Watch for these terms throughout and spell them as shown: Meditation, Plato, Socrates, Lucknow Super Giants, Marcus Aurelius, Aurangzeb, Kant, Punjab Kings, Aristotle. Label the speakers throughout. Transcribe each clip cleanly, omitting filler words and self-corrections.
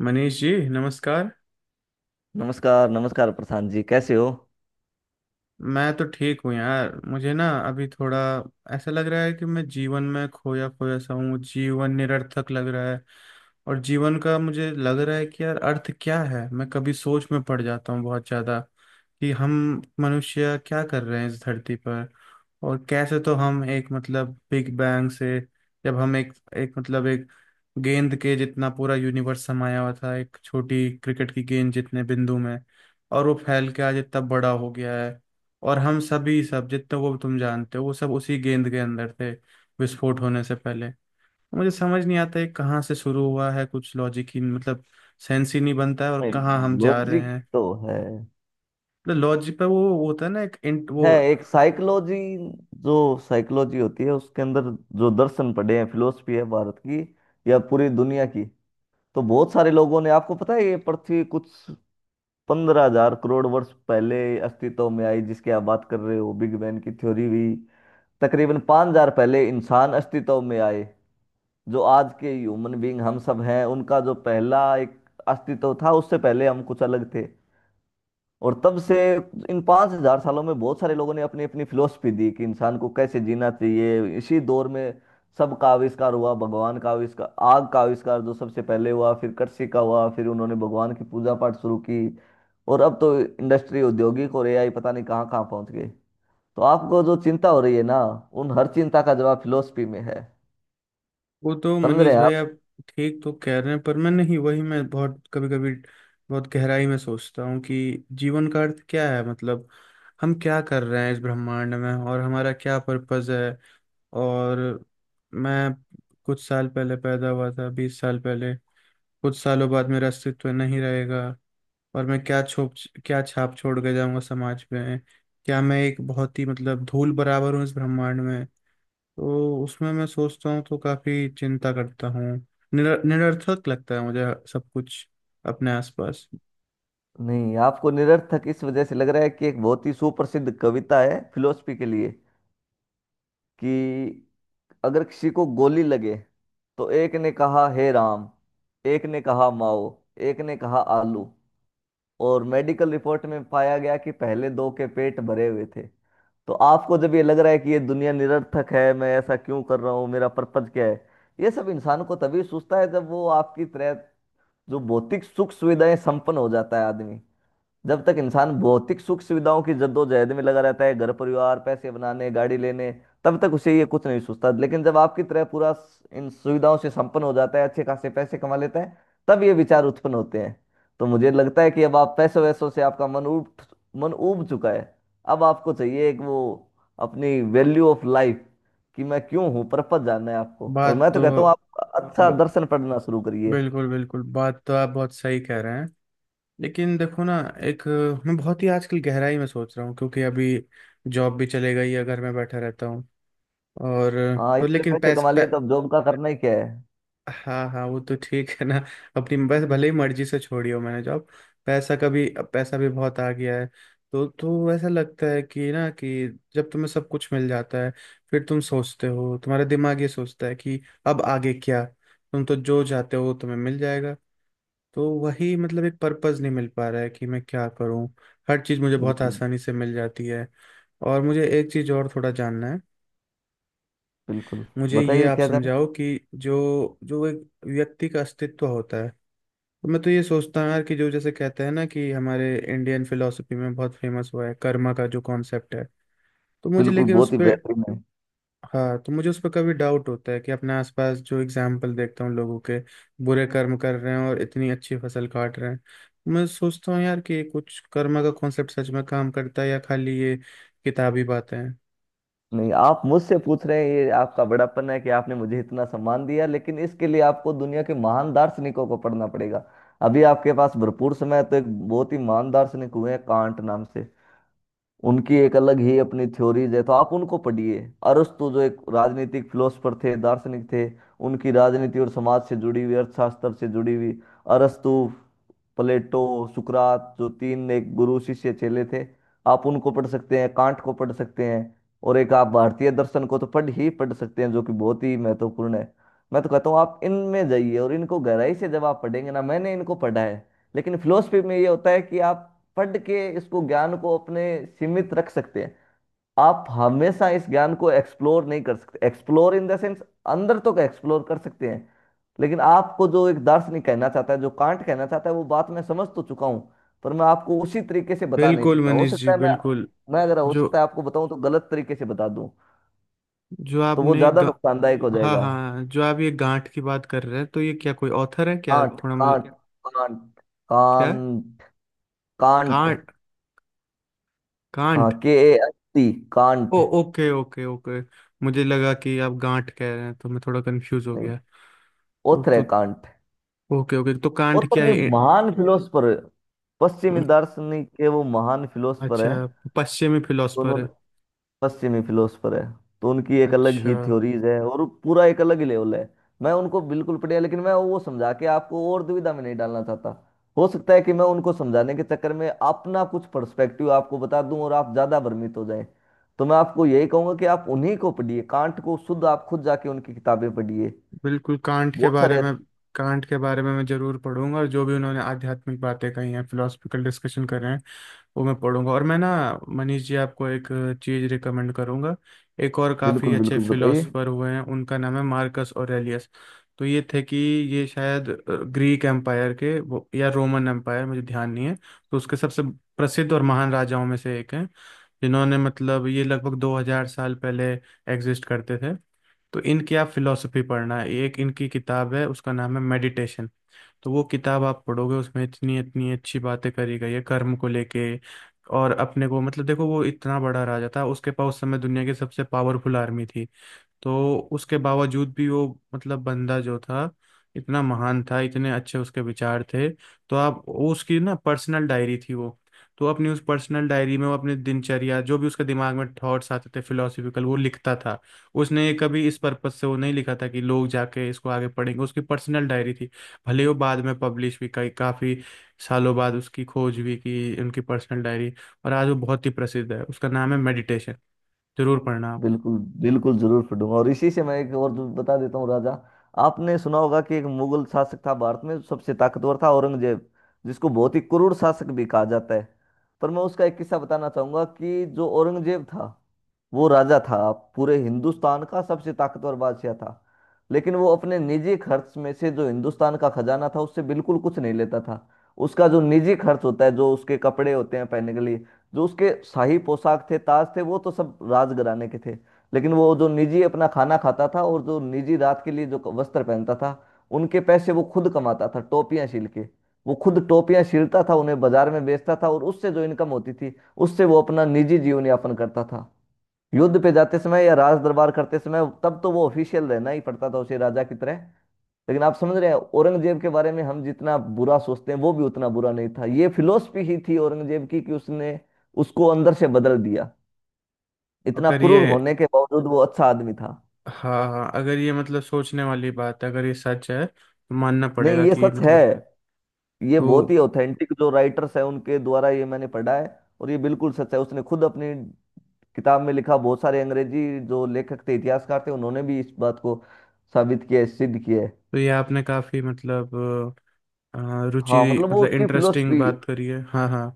Speaker 1: मनीष जी, नमस्कार।
Speaker 2: नमस्कार नमस्कार प्रशांत जी कैसे हो।
Speaker 1: मैं तो ठीक हूँ यार। मुझे ना अभी थोड़ा ऐसा लग रहा है कि मैं जीवन में खोया खोया सा हूँ। जीवन निरर्थक लग रहा है। और जीवन का मुझे लग रहा है कि यार, अर्थ क्या है। मैं कभी सोच में पड़ जाता हूँ बहुत ज्यादा कि हम मनुष्य क्या कर रहे हैं इस धरती पर। और कैसे तो हम एक मतलब बिग बैंग से, जब हम एक एक मतलब एक गेंद के जितना पूरा यूनिवर्स समाया हुआ था, एक छोटी क्रिकेट की गेंद जितने बिंदु में। और वो फैल के आज इतना बड़ा हो गया है। और हम सभी सब जितने वो तुम जानते हो, वो सब उसी गेंद के अंदर थे विस्फोट होने से पहले। मुझे समझ नहीं आता है कहाँ से शुरू हुआ है। कुछ लॉजिक ही मतलब सेंस ही नहीं बनता है। और कहाँ हम जा रहे
Speaker 2: लॉजिक
Speaker 1: हैं।
Speaker 2: तो है
Speaker 1: मतलब लॉजिक पर वो होता है ना एक
Speaker 2: है
Speaker 1: वो।
Speaker 2: एक साइकोलॉजी जो साइकोलॉजी होती है, उसके अंदर जो दर्शन पड़े हैं, फिलोसफी है भारत की या पूरी दुनिया की। तो बहुत सारे लोगों ने, आपको पता है, ये पृथ्वी कुछ 15,000 करोड़ वर्ष पहले अस्तित्व में आई, जिसकी आप बात कर रहे हो, बिग बैंग की थ्योरी हुई। तकरीबन 5,000 पहले इंसान अस्तित्व में आए, जो आज के ह्यूमन बीइंग हम सब हैं। उनका जो पहला एक अस्तित्व था, उससे पहले हम कुछ अलग थे। और तब से इन 5,000 सालों में बहुत सारे लोगों ने अपनी अपनी फिलोसफी दी कि इंसान को कैसे जीना चाहिए। इसी दौर में सब का आविष्कार हुआ, भगवान का आविष्कार, आग का आविष्कार जो सबसे पहले हुआ, फिर कृषि का हुआ, फिर उन्होंने भगवान की पूजा पाठ शुरू की। और अब तो इंडस्ट्री, औद्योगिक और एआई, पता नहीं कहाँ कहाँ पहुंच गए। तो आपको जो चिंता हो रही है ना, उन हर चिंता का जवाब फिलोसफी में है।
Speaker 1: वो तो
Speaker 2: समझ
Speaker 1: मनीष
Speaker 2: रहे हैं
Speaker 1: भाई,
Speaker 2: आप।
Speaker 1: आप ठीक तो कह रहे हैं, पर मैं नहीं। वही मैं बहुत कभी कभी बहुत गहराई में सोचता हूँ कि जीवन का अर्थ क्या है। मतलब हम क्या कर रहे हैं इस ब्रह्मांड में और हमारा क्या पर्पज है। और मैं कुछ साल पहले पैदा हुआ था, 20 साल पहले। कुछ सालों बाद मेरा अस्तित्व नहीं रहेगा। और मैं क्या छाप छोड़ के जाऊंगा समाज में। क्या मैं एक बहुत ही मतलब धूल बराबर हूँ इस ब्रह्मांड में। तो उसमें मैं सोचता हूँ तो काफी चिंता करता हूँ। निरर्थक लगता है मुझे सब कुछ अपने आसपास।
Speaker 2: नहीं, आपको निरर्थक इस वजह से लग रहा है कि एक बहुत ही सुप्रसिद्ध कविता है फिलोसफी के लिए कि अगर किसी को गोली लगे, तो एक ने कहा हे राम, एक ने कहा माओ, एक ने कहा आलू, और मेडिकल रिपोर्ट में पाया गया कि पहले दो के पेट भरे हुए थे। तो आपको जब ये लग रहा है कि ये दुनिया निरर्थक है, मैं ऐसा क्यों कर रहा हूँ, मेरा पर्पज क्या है, ये सब इंसान को तभी सूझता है जब वो आपकी तरह जो भौतिक सुख सुविधाएं संपन्न हो जाता है आदमी। जब तक इंसान भौतिक सुख सुविधाओं की जद्दोजहद में लगा रहता है, घर परिवार, पैसे बनाने, गाड़ी लेने, तब तक उसे ये कुछ नहीं सोचता। लेकिन जब आपकी तरह इन सुविधाओं से संपन्न हो जाता है, अच्छे खासे पैसे कमा लेता है, तब ये विचार उत्पन्न होते हैं। तो मुझे लगता है कि अब आप पैसों वैसों से आपका मन ऊब चुका है। अब आपको चाहिए एक वो, अपनी वैल्यू ऑफ लाइफ कि मैं क्यों हूँ। पर्पज जानना है आपको, और
Speaker 1: बात
Speaker 2: मैं तो
Speaker 1: तो
Speaker 2: कहता हूँ, आप अच्छा
Speaker 1: ब-
Speaker 2: दर्शन पढ़ना शुरू करिए।
Speaker 1: बिल्कुल बिल्कुल, बात तो आप बहुत सही कह रहे हैं। लेकिन देखो ना, एक मैं बहुत ही आजकल गहराई में सोच रहा हूँ, क्योंकि अभी जॉब भी चले गई है, घर में बैठा रहता हूँ। और
Speaker 2: हाँ,
Speaker 1: पर
Speaker 2: इतने
Speaker 1: लेकिन
Speaker 2: पैसे
Speaker 1: पैसे
Speaker 2: कमा लिए तो अब जॉब का करना ही क्या है।
Speaker 1: हाँ हाँ, वो तो ठीक है ना। अपनी बस भले ही मर्जी से छोड़ी हो मैंने जॉब। पैसा कभी, अब पैसा भी बहुत आ गया है। तो ऐसा लगता है कि ना कि जब तुम्हें सब कुछ मिल जाता है, फिर तुम सोचते हो, तुम्हारा दिमाग ये सोचता है कि अब आगे क्या। तुम तो जो चाहते हो वो तुम्हें मिल जाएगा। तो वही मतलब एक पर्पस नहीं मिल पा रहा है कि मैं क्या करूं। हर चीज़ मुझे बहुत
Speaker 2: बिल्कुल,
Speaker 1: आसानी से मिल जाती है। और मुझे एक चीज़ और थोड़ा जानना है।
Speaker 2: बिल्कुल,
Speaker 1: मुझे ये
Speaker 2: बताइए
Speaker 1: आप
Speaker 2: क्या था।
Speaker 1: समझाओ कि जो जो एक व्यक्ति का अस्तित्व होता है। तो मैं तो ये सोचता हूँ यार कि जो जैसे कहते हैं ना कि हमारे इंडियन फिलोसफी में बहुत फेमस हुआ है कर्मा का जो कॉन्सेप्ट है, तो मुझे
Speaker 2: बिल्कुल,
Speaker 1: लेकिन उस
Speaker 2: बहुत ही
Speaker 1: पर,
Speaker 2: बेहतरीन है।
Speaker 1: हाँ, तो मुझे उस पर कभी डाउट होता है कि अपने आसपास जो एग्जाम्पल देखता हूँ लोगों के, बुरे कर्म कर रहे हैं और इतनी अच्छी फसल काट रहे हैं। मैं सोचता हूँ यार कि कुछ कर्म का कॉन्सेप्ट सच में काम करता है या खाली ये किताबी बातें हैं।
Speaker 2: नहीं, आप मुझसे पूछ रहे हैं, ये आपका बड़ापन है कि आपने मुझे इतना सम्मान दिया दार्शनिकों, लेकिन इसके लिए आपको दुनिया के महान दार्शनिकों को पढ़ना पड़ेगा। अभी आपके पास भरपूर समय है। तो एक बहुत ही महान दार्शनिक हुए हैं कांट नाम से। उनकी एक अलग ही अपनी थ्योरीज है, तो आप उनको पढ़िए। अरस्तु, जो एक राजनीतिक फिलोसफर थे, दार्शनिक थे, उनकी राजनीति और समाज से जुड़ी हुई, अर्थशास्त्र से जुड़ी हुई। अरस्तु, प्लेटो, सुकरात, जो तीन एक गुरु शिष्य चेले थे, आप उनको पढ़ सकते हैं। कांट को पढ़ सकते हैं। और एक आप भारतीय दर्शन को तो पढ़ ही पढ़ सकते हैं, जो कि बहुत ही महत्वपूर्ण है। मैं तो कहता हूँ आप इनमें जाइए, और इनको गहराई से जब आप पढ़ेंगे ना, मैंने इनको पढ़ा है। लेकिन फिलोसफी में ये होता है कि आप पढ़ के इसको, ज्ञान को अपने सीमित रख सकते हैं। आप हमेशा इस ज्ञान को एक्सप्लोर नहीं कर सकते। एक्सप्लोर इन द सेंस, अंदर तो एक्सप्लोर कर सकते हैं। लेकिन आपको जो एक दार्शनिक कहना चाहता है, जो कांट कहना चाहता है, वो बात मैं समझ तो चुका हूँ, पर मैं आपको उसी तरीके से बता नहीं
Speaker 1: बिल्कुल
Speaker 2: सकता। हो
Speaker 1: मनीष जी,
Speaker 2: सकता है मैं
Speaker 1: बिल्कुल।
Speaker 2: मैं अगर, हो
Speaker 1: जो
Speaker 2: सकता है आपको बताऊं तो गलत तरीके से बता दूं,
Speaker 1: जो
Speaker 2: तो वो
Speaker 1: आपने
Speaker 2: ज्यादा
Speaker 1: गा...
Speaker 2: नुकसानदायक हो
Speaker 1: हाँ
Speaker 2: जाएगा।
Speaker 1: हाँ, जो आप ये गांठ की बात कर रहे हैं, तो ये क्या कोई ऑथर है क्या?
Speaker 2: कांट,
Speaker 1: थोड़ा मुझे।
Speaker 2: कांट, कांट,
Speaker 1: क्या है?
Speaker 2: कांट, कांट।
Speaker 1: कांट।
Speaker 2: हाँ,
Speaker 1: कांट।
Speaker 2: KANT,
Speaker 1: ओ
Speaker 2: कांट।
Speaker 1: Okay, okay, okay. मुझे लगा कि आप गांठ कह रहे हैं, तो मैं थोड़ा कंफ्यूज हो
Speaker 2: नहीं,
Speaker 1: गया। तो,
Speaker 2: ओथर है
Speaker 1: तो
Speaker 2: कांट।
Speaker 1: ओके, ओके, तो कांट
Speaker 2: ओथर
Speaker 1: क्या
Speaker 2: नहीं,
Speaker 1: है?
Speaker 2: महान फिलोसफर। पश्चिमी दार्शनिक के, वो महान फिलोसफर
Speaker 1: अच्छा,
Speaker 2: है।
Speaker 1: पश्चिमी
Speaker 2: तो
Speaker 1: फिलोसफर
Speaker 2: उन्होंने,
Speaker 1: है।
Speaker 2: पश्चिमी फिलोसफर है, तो उनकी एक अलग
Speaker 1: अच्छा।
Speaker 2: ही थ्योरीज है, और पूरा एक अलग ही लेवल है। मैं उनको बिल्कुल पढ़िया, लेकिन मैं वो समझा के आपको और दुविधा में नहीं डालना चाहता। हो सकता है कि मैं उनको समझाने के चक्कर में अपना कुछ पर्सपेक्टिव आपको बता दूं, और आप ज्यादा भ्रमित हो जाएं। तो मैं आपको यही कहूंगा कि आप उन्हीं को पढ़िए, कांट को शुद्ध आप खुद जाके उनकी किताबें पढ़िए।
Speaker 1: बिल्कुल, कांट के
Speaker 2: बहुत
Speaker 1: बारे
Speaker 2: सारे
Speaker 1: में,
Speaker 2: अच्छे-
Speaker 1: कांट के बारे में मैं जरूर पढ़ूंगा। और जो भी उन्होंने आध्यात्मिक बातें कही हैं, फिलोसफिकल डिस्कशन कर रहे हैं, वो मैं पढ़ूंगा। और मैं ना, मनीष जी, आपको एक चीज रिकमेंड करूंगा। एक और काफी
Speaker 2: बिल्कुल,
Speaker 1: अच्छे
Speaker 2: बिल्कुल, बताइए।
Speaker 1: फिलोसोफर हुए हैं, उनका नाम है मार्कस ऑरेलियस। तो ये थे कि ये शायद ग्रीक एम्पायर के वो या रोमन एम्पायर, मुझे ध्यान नहीं है। तो उसके सबसे प्रसिद्ध और महान राजाओं में से एक हैं, जिन्होंने मतलब ये लगभग 2000 साल पहले एग्जिस्ट करते थे। तो इनकी आप फिलोसफी पढ़ना। एक इनकी किताब है, उसका नाम है मेडिटेशन। तो वो किताब आप पढ़ोगे, उसमें इतनी इतनी अच्छी बातें करी गई है कर्म को लेके। और अपने को मतलब देखो, वो इतना बड़ा राजा था, उसके पास उस समय दुनिया की सबसे पावरफुल आर्मी थी। तो उसके बावजूद भी वो मतलब, बंदा जो था, इतना महान था, इतने अच्छे उसके विचार थे। तो आप वो, उसकी ना पर्सनल डायरी थी वो। तो अपनी उस पर्सनल डायरी में वो अपनी दिनचर्या, जो भी उसके दिमाग में थॉट्स आते थे फिलोसफिकल, वो लिखता था। उसने कभी इस पर्पज से वो नहीं लिखा था कि लोग जाके इसको आगे पढ़ेंगे। उसकी पर्सनल डायरी थी। भले वो बाद में पब्लिश भी, कई काफ़ी सालों बाद उसकी खोज भी की, उनकी पर्सनल डायरी। और आज वो बहुत ही प्रसिद्ध है, उसका नाम है मेडिटेशन। जरूर पढ़ना आप।
Speaker 2: बिल्कुल, बिल्कुल, जरूर पढ़ूंगा। और इसी से मैं एक और जो बता देता हूँ राजा। आपने सुना होगा कि एक मुगल शासक था भारत में, सबसे ताकतवर था औरंगजेब, जिसको बहुत ही क्रूर शासक भी कहा जाता है। पर मैं उसका एक किस्सा बताना चाहूंगा कि जो औरंगजेब था, वो राजा था पूरे हिंदुस्तान का, सबसे ताकतवर बादशाह था। लेकिन वो अपने निजी खर्च में से, जो हिंदुस्तान का खजाना था, उससे बिल्कुल कुछ नहीं लेता था। उसका जो निजी खर्च होता है, जो उसके कपड़े होते हैं पहनने के लिए, जो उसके शाही पोशाक थे, ताज थे, वो तो सब राजघराने के थे। लेकिन वो जो निजी अपना खाना खाता था, और जो निजी रात के लिए जो वस्त्र पहनता था, उनके पैसे वो खुद कमाता था, टोपियां सिल के। वो खुद टोपियां सिलता था, उन्हें बाजार में बेचता था, और उससे जो इनकम होती थी, उससे वो अपना निजी जीवन यापन करता था। युद्ध पे जाते समय या राज दरबार करते समय, तब तो वो ऑफिशियल रहना ही पड़ता था उसे, राजा की तरह। लेकिन आप समझ रहे हैं, औरंगजेब के बारे में हम जितना बुरा सोचते हैं, वो भी उतना बुरा नहीं था। ये फिलोसफी ही थी औरंगजेब की कि उसने, उसको अंदर से बदल दिया। इतना
Speaker 1: अगर
Speaker 2: क्रूर
Speaker 1: ये,
Speaker 2: होने के बावजूद वो अच्छा आदमी था।
Speaker 1: हाँ हाँ, अगर ये मतलब सोचने वाली बात है, अगर ये सच है तो मानना
Speaker 2: नहीं,
Speaker 1: पड़ेगा
Speaker 2: ये
Speaker 1: कि
Speaker 2: सच है।
Speaker 1: मतलब,
Speaker 2: ये
Speaker 1: तो
Speaker 2: बहुत ही ऑथेंटिक जो राइटर्स हैं, उनके द्वारा ये मैंने पढ़ा है। और ये बिल्कुल सच है, उसने खुद अपनी किताब में लिखा। बहुत सारे अंग्रेजी जो लेखक थे, इतिहासकार थे, उन्होंने भी इस बात को साबित किया है, सिद्ध किया है।
Speaker 1: तो ये आपने काफी मतलब
Speaker 2: हाँ,
Speaker 1: रुचि
Speaker 2: मतलब वो
Speaker 1: मतलब
Speaker 2: उसकी
Speaker 1: इंटरेस्टिंग
Speaker 2: फिलोसफी,
Speaker 1: बात करी है। हाँ हाँ,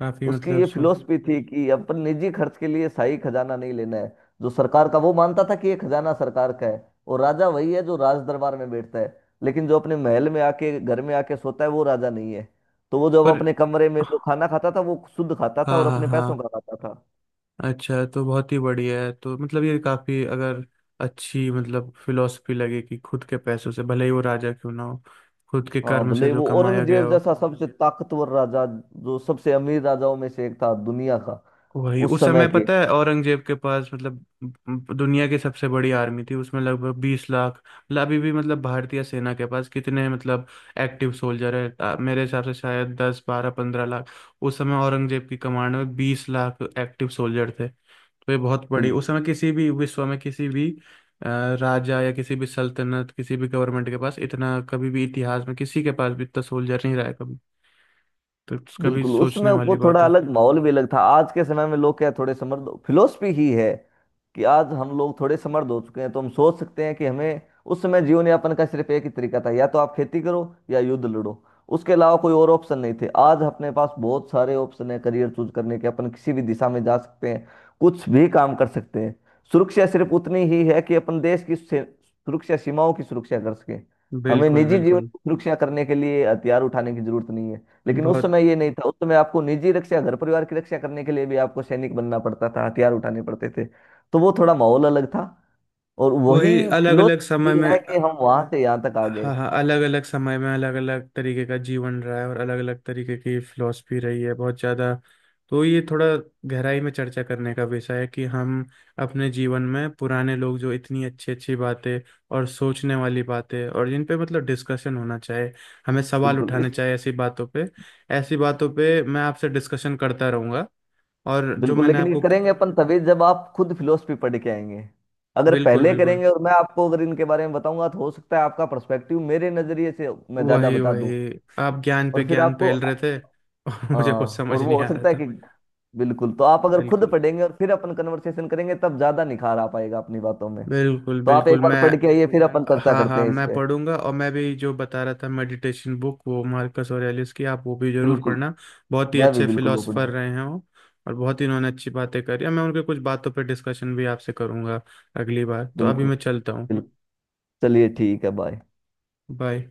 Speaker 1: काफी
Speaker 2: उसकी
Speaker 1: मतलब
Speaker 2: ये
Speaker 1: सुन,
Speaker 2: फिलोसफी थी कि अपन निजी खर्च के लिए शाही खजाना नहीं लेना है। जो सरकार का, वो मानता था कि ये खजाना सरकार का है, और राजा वही है जो राज दरबार में बैठता है। लेकिन जो अपने महल में आके, घर में आके सोता है, वो राजा नहीं है। तो वो जब
Speaker 1: पर,
Speaker 2: अपने कमरे में जो खाना खाता था, वो शुद्ध खाता था
Speaker 1: हाँ
Speaker 2: और
Speaker 1: हाँ
Speaker 2: अपने पैसों
Speaker 1: हाँ,
Speaker 2: का खाता था।
Speaker 1: अच्छा, तो बहुत ही बढ़िया है। तो मतलब ये काफी अगर अच्छी मतलब फिलॉसफी लगे कि खुद के पैसों से भले ही वो राजा क्यों ना हो, खुद के
Speaker 2: हाँ,
Speaker 1: कर्म से
Speaker 2: भले
Speaker 1: जो
Speaker 2: वो
Speaker 1: कमाया गया
Speaker 2: औरंगजेब
Speaker 1: हो।
Speaker 2: जैसा सबसे ताकतवर राजा, जो सबसे अमीर राजाओं में से एक था दुनिया का,
Speaker 1: वही
Speaker 2: उस
Speaker 1: उस
Speaker 2: समय
Speaker 1: समय
Speaker 2: के।
Speaker 1: पता है औरंगजेब के पास मतलब दुनिया की सबसे बड़ी आर्मी थी, उसमें लगभग 20 लाख मतलब। अभी भी मतलब भारतीय सेना के पास कितने मतलब एक्टिव सोल्जर है, मेरे हिसाब से शायद 10 12 15 लाख। उस समय औरंगजेब की कमांड में 20 लाख एक्टिव सोल्जर थे। तो ये बहुत बड़ी उस समय
Speaker 2: बिल्कुल।
Speaker 1: किसी भी विश्व में किसी भी अ, राजा या किसी भी सल्तनत, किसी भी गवर्नमेंट के पास इतना, कभी भी इतिहास में किसी के पास भी इतना सोल्जर नहीं रहा है कभी। तो कभी
Speaker 2: बिल्कुल, उस
Speaker 1: सोचने
Speaker 2: समय वो
Speaker 1: वाली बात
Speaker 2: थोड़ा
Speaker 1: है।
Speaker 2: अलग माहौल भी, अलग था। आज के समय में लोग क्या है, थोड़े समर्थ, फिलोसफी ही है कि आज हम लोग थोड़े समर्थ हो चुके हैं, तो हम सोच सकते हैं कि हमें। उस समय जीवन यापन का सिर्फ एक ही तरीका था, या तो आप खेती करो या युद्ध लड़ो। उसके अलावा कोई और ऑप्शन नहीं थे। आज अपने पास बहुत सारे ऑप्शन है, करियर चूज करने के। अपन किसी भी दिशा में जा सकते हैं, कुछ भी काम कर सकते हैं। सुरक्षा सिर्फ उतनी ही है कि अपन सुरक्षा, सीमाओं की सुरक्षा कर सके। हमें
Speaker 1: बिल्कुल
Speaker 2: निजी जीवन
Speaker 1: बिल्कुल।
Speaker 2: की सुरक्षा करने के लिए हथियार उठाने की जरूरत नहीं है। लेकिन उस
Speaker 1: बहुत।
Speaker 2: समय ये नहीं था। उस समय आपको निजी रक्षा, घर परिवार की रक्षा करने के लिए भी आपको सैनिक बनना पड़ता था, हथियार उठाने पड़ते थे। तो वो थोड़ा माहौल अलग था। और
Speaker 1: वही
Speaker 2: वही
Speaker 1: अलग अलग समय
Speaker 2: फिलोसफी
Speaker 1: में,
Speaker 2: है कि हम वहां से यहाँ तक आ गए।
Speaker 1: हाँ हाँ, अलग अलग समय में अलग अलग तरीके का जीवन रहा है और अलग अलग तरीके की फिलॉसफी रही है बहुत ज़्यादा। तो ये थोड़ा गहराई में चर्चा करने का विषय है कि हम अपने जीवन में पुराने लोग जो इतनी अच्छी अच्छी बातें और सोचने वाली बातें और जिन पे मतलब डिस्कशन होना चाहिए, हमें सवाल
Speaker 2: बिल्कुल
Speaker 1: उठाने
Speaker 2: इस,
Speaker 1: चाहिए ऐसी बातों पे। ऐसी बातों पे मैं आपसे डिस्कशन करता रहूंगा। और जो
Speaker 2: बिल्कुल,
Speaker 1: मैंने
Speaker 2: लेकिन ये
Speaker 1: आपको,
Speaker 2: करेंगे अपन तभी जब आप खुद फिलोसफी पढ़ के आएंगे। अगर
Speaker 1: बिल्कुल
Speaker 2: पहले
Speaker 1: बिल्कुल,
Speaker 2: करेंगे और मैं आपको अगर इनके बारे में बताऊंगा, तो हो सकता है आपका पर्सपेक्टिव मेरे नजरिए से मैं ज्यादा
Speaker 1: वही
Speaker 2: बता दूं।
Speaker 1: वही, आप ज्ञान पे
Speaker 2: और फिर
Speaker 1: ज्ञान
Speaker 2: आपको,
Speaker 1: पेल रहे थे और मुझे कुछ
Speaker 2: और
Speaker 1: समझ
Speaker 2: वो,
Speaker 1: नहीं
Speaker 2: हो
Speaker 1: आ रहा
Speaker 2: सकता है
Speaker 1: था।
Speaker 2: कि, बिल्कुल। तो आप अगर खुद
Speaker 1: बिल्कुल
Speaker 2: पढ़ेंगे और फिर अपन कन्वर्सेशन करेंगे, तब ज्यादा निखार आ पाएगा अपनी बातों में।
Speaker 1: बिल्कुल
Speaker 2: तो आप एक
Speaker 1: बिल्कुल,
Speaker 2: बार
Speaker 1: मैं,
Speaker 2: पढ़ के आइए, फिर बढ़िया अपन चर्चा
Speaker 1: हाँ
Speaker 2: करते
Speaker 1: हाँ,
Speaker 2: हैं इस
Speaker 1: मैं
Speaker 2: पे।
Speaker 1: पढ़ूंगा। और मैं भी जो बता रहा था मेडिटेशन बुक वो मार्कस ऑरेलियस की, आप वो भी जरूर
Speaker 2: बिल्कुल।
Speaker 1: पढ़ना। बहुत ही
Speaker 2: मैं भी
Speaker 1: अच्छे
Speaker 2: बिल्कुल वो
Speaker 1: फिलोसफर
Speaker 2: पढ़ूंगा।
Speaker 1: रहे हैं वो। और बहुत ही उन्होंने अच्छी बातें करी। और मैं उनके कुछ बातों पर डिस्कशन भी आपसे करूंगा अगली बार। तो अभी
Speaker 2: बिल्कुल।
Speaker 1: मैं चलता हूँ।
Speaker 2: बिल्कुल, चलिए ठीक है, बाय।
Speaker 1: बाय।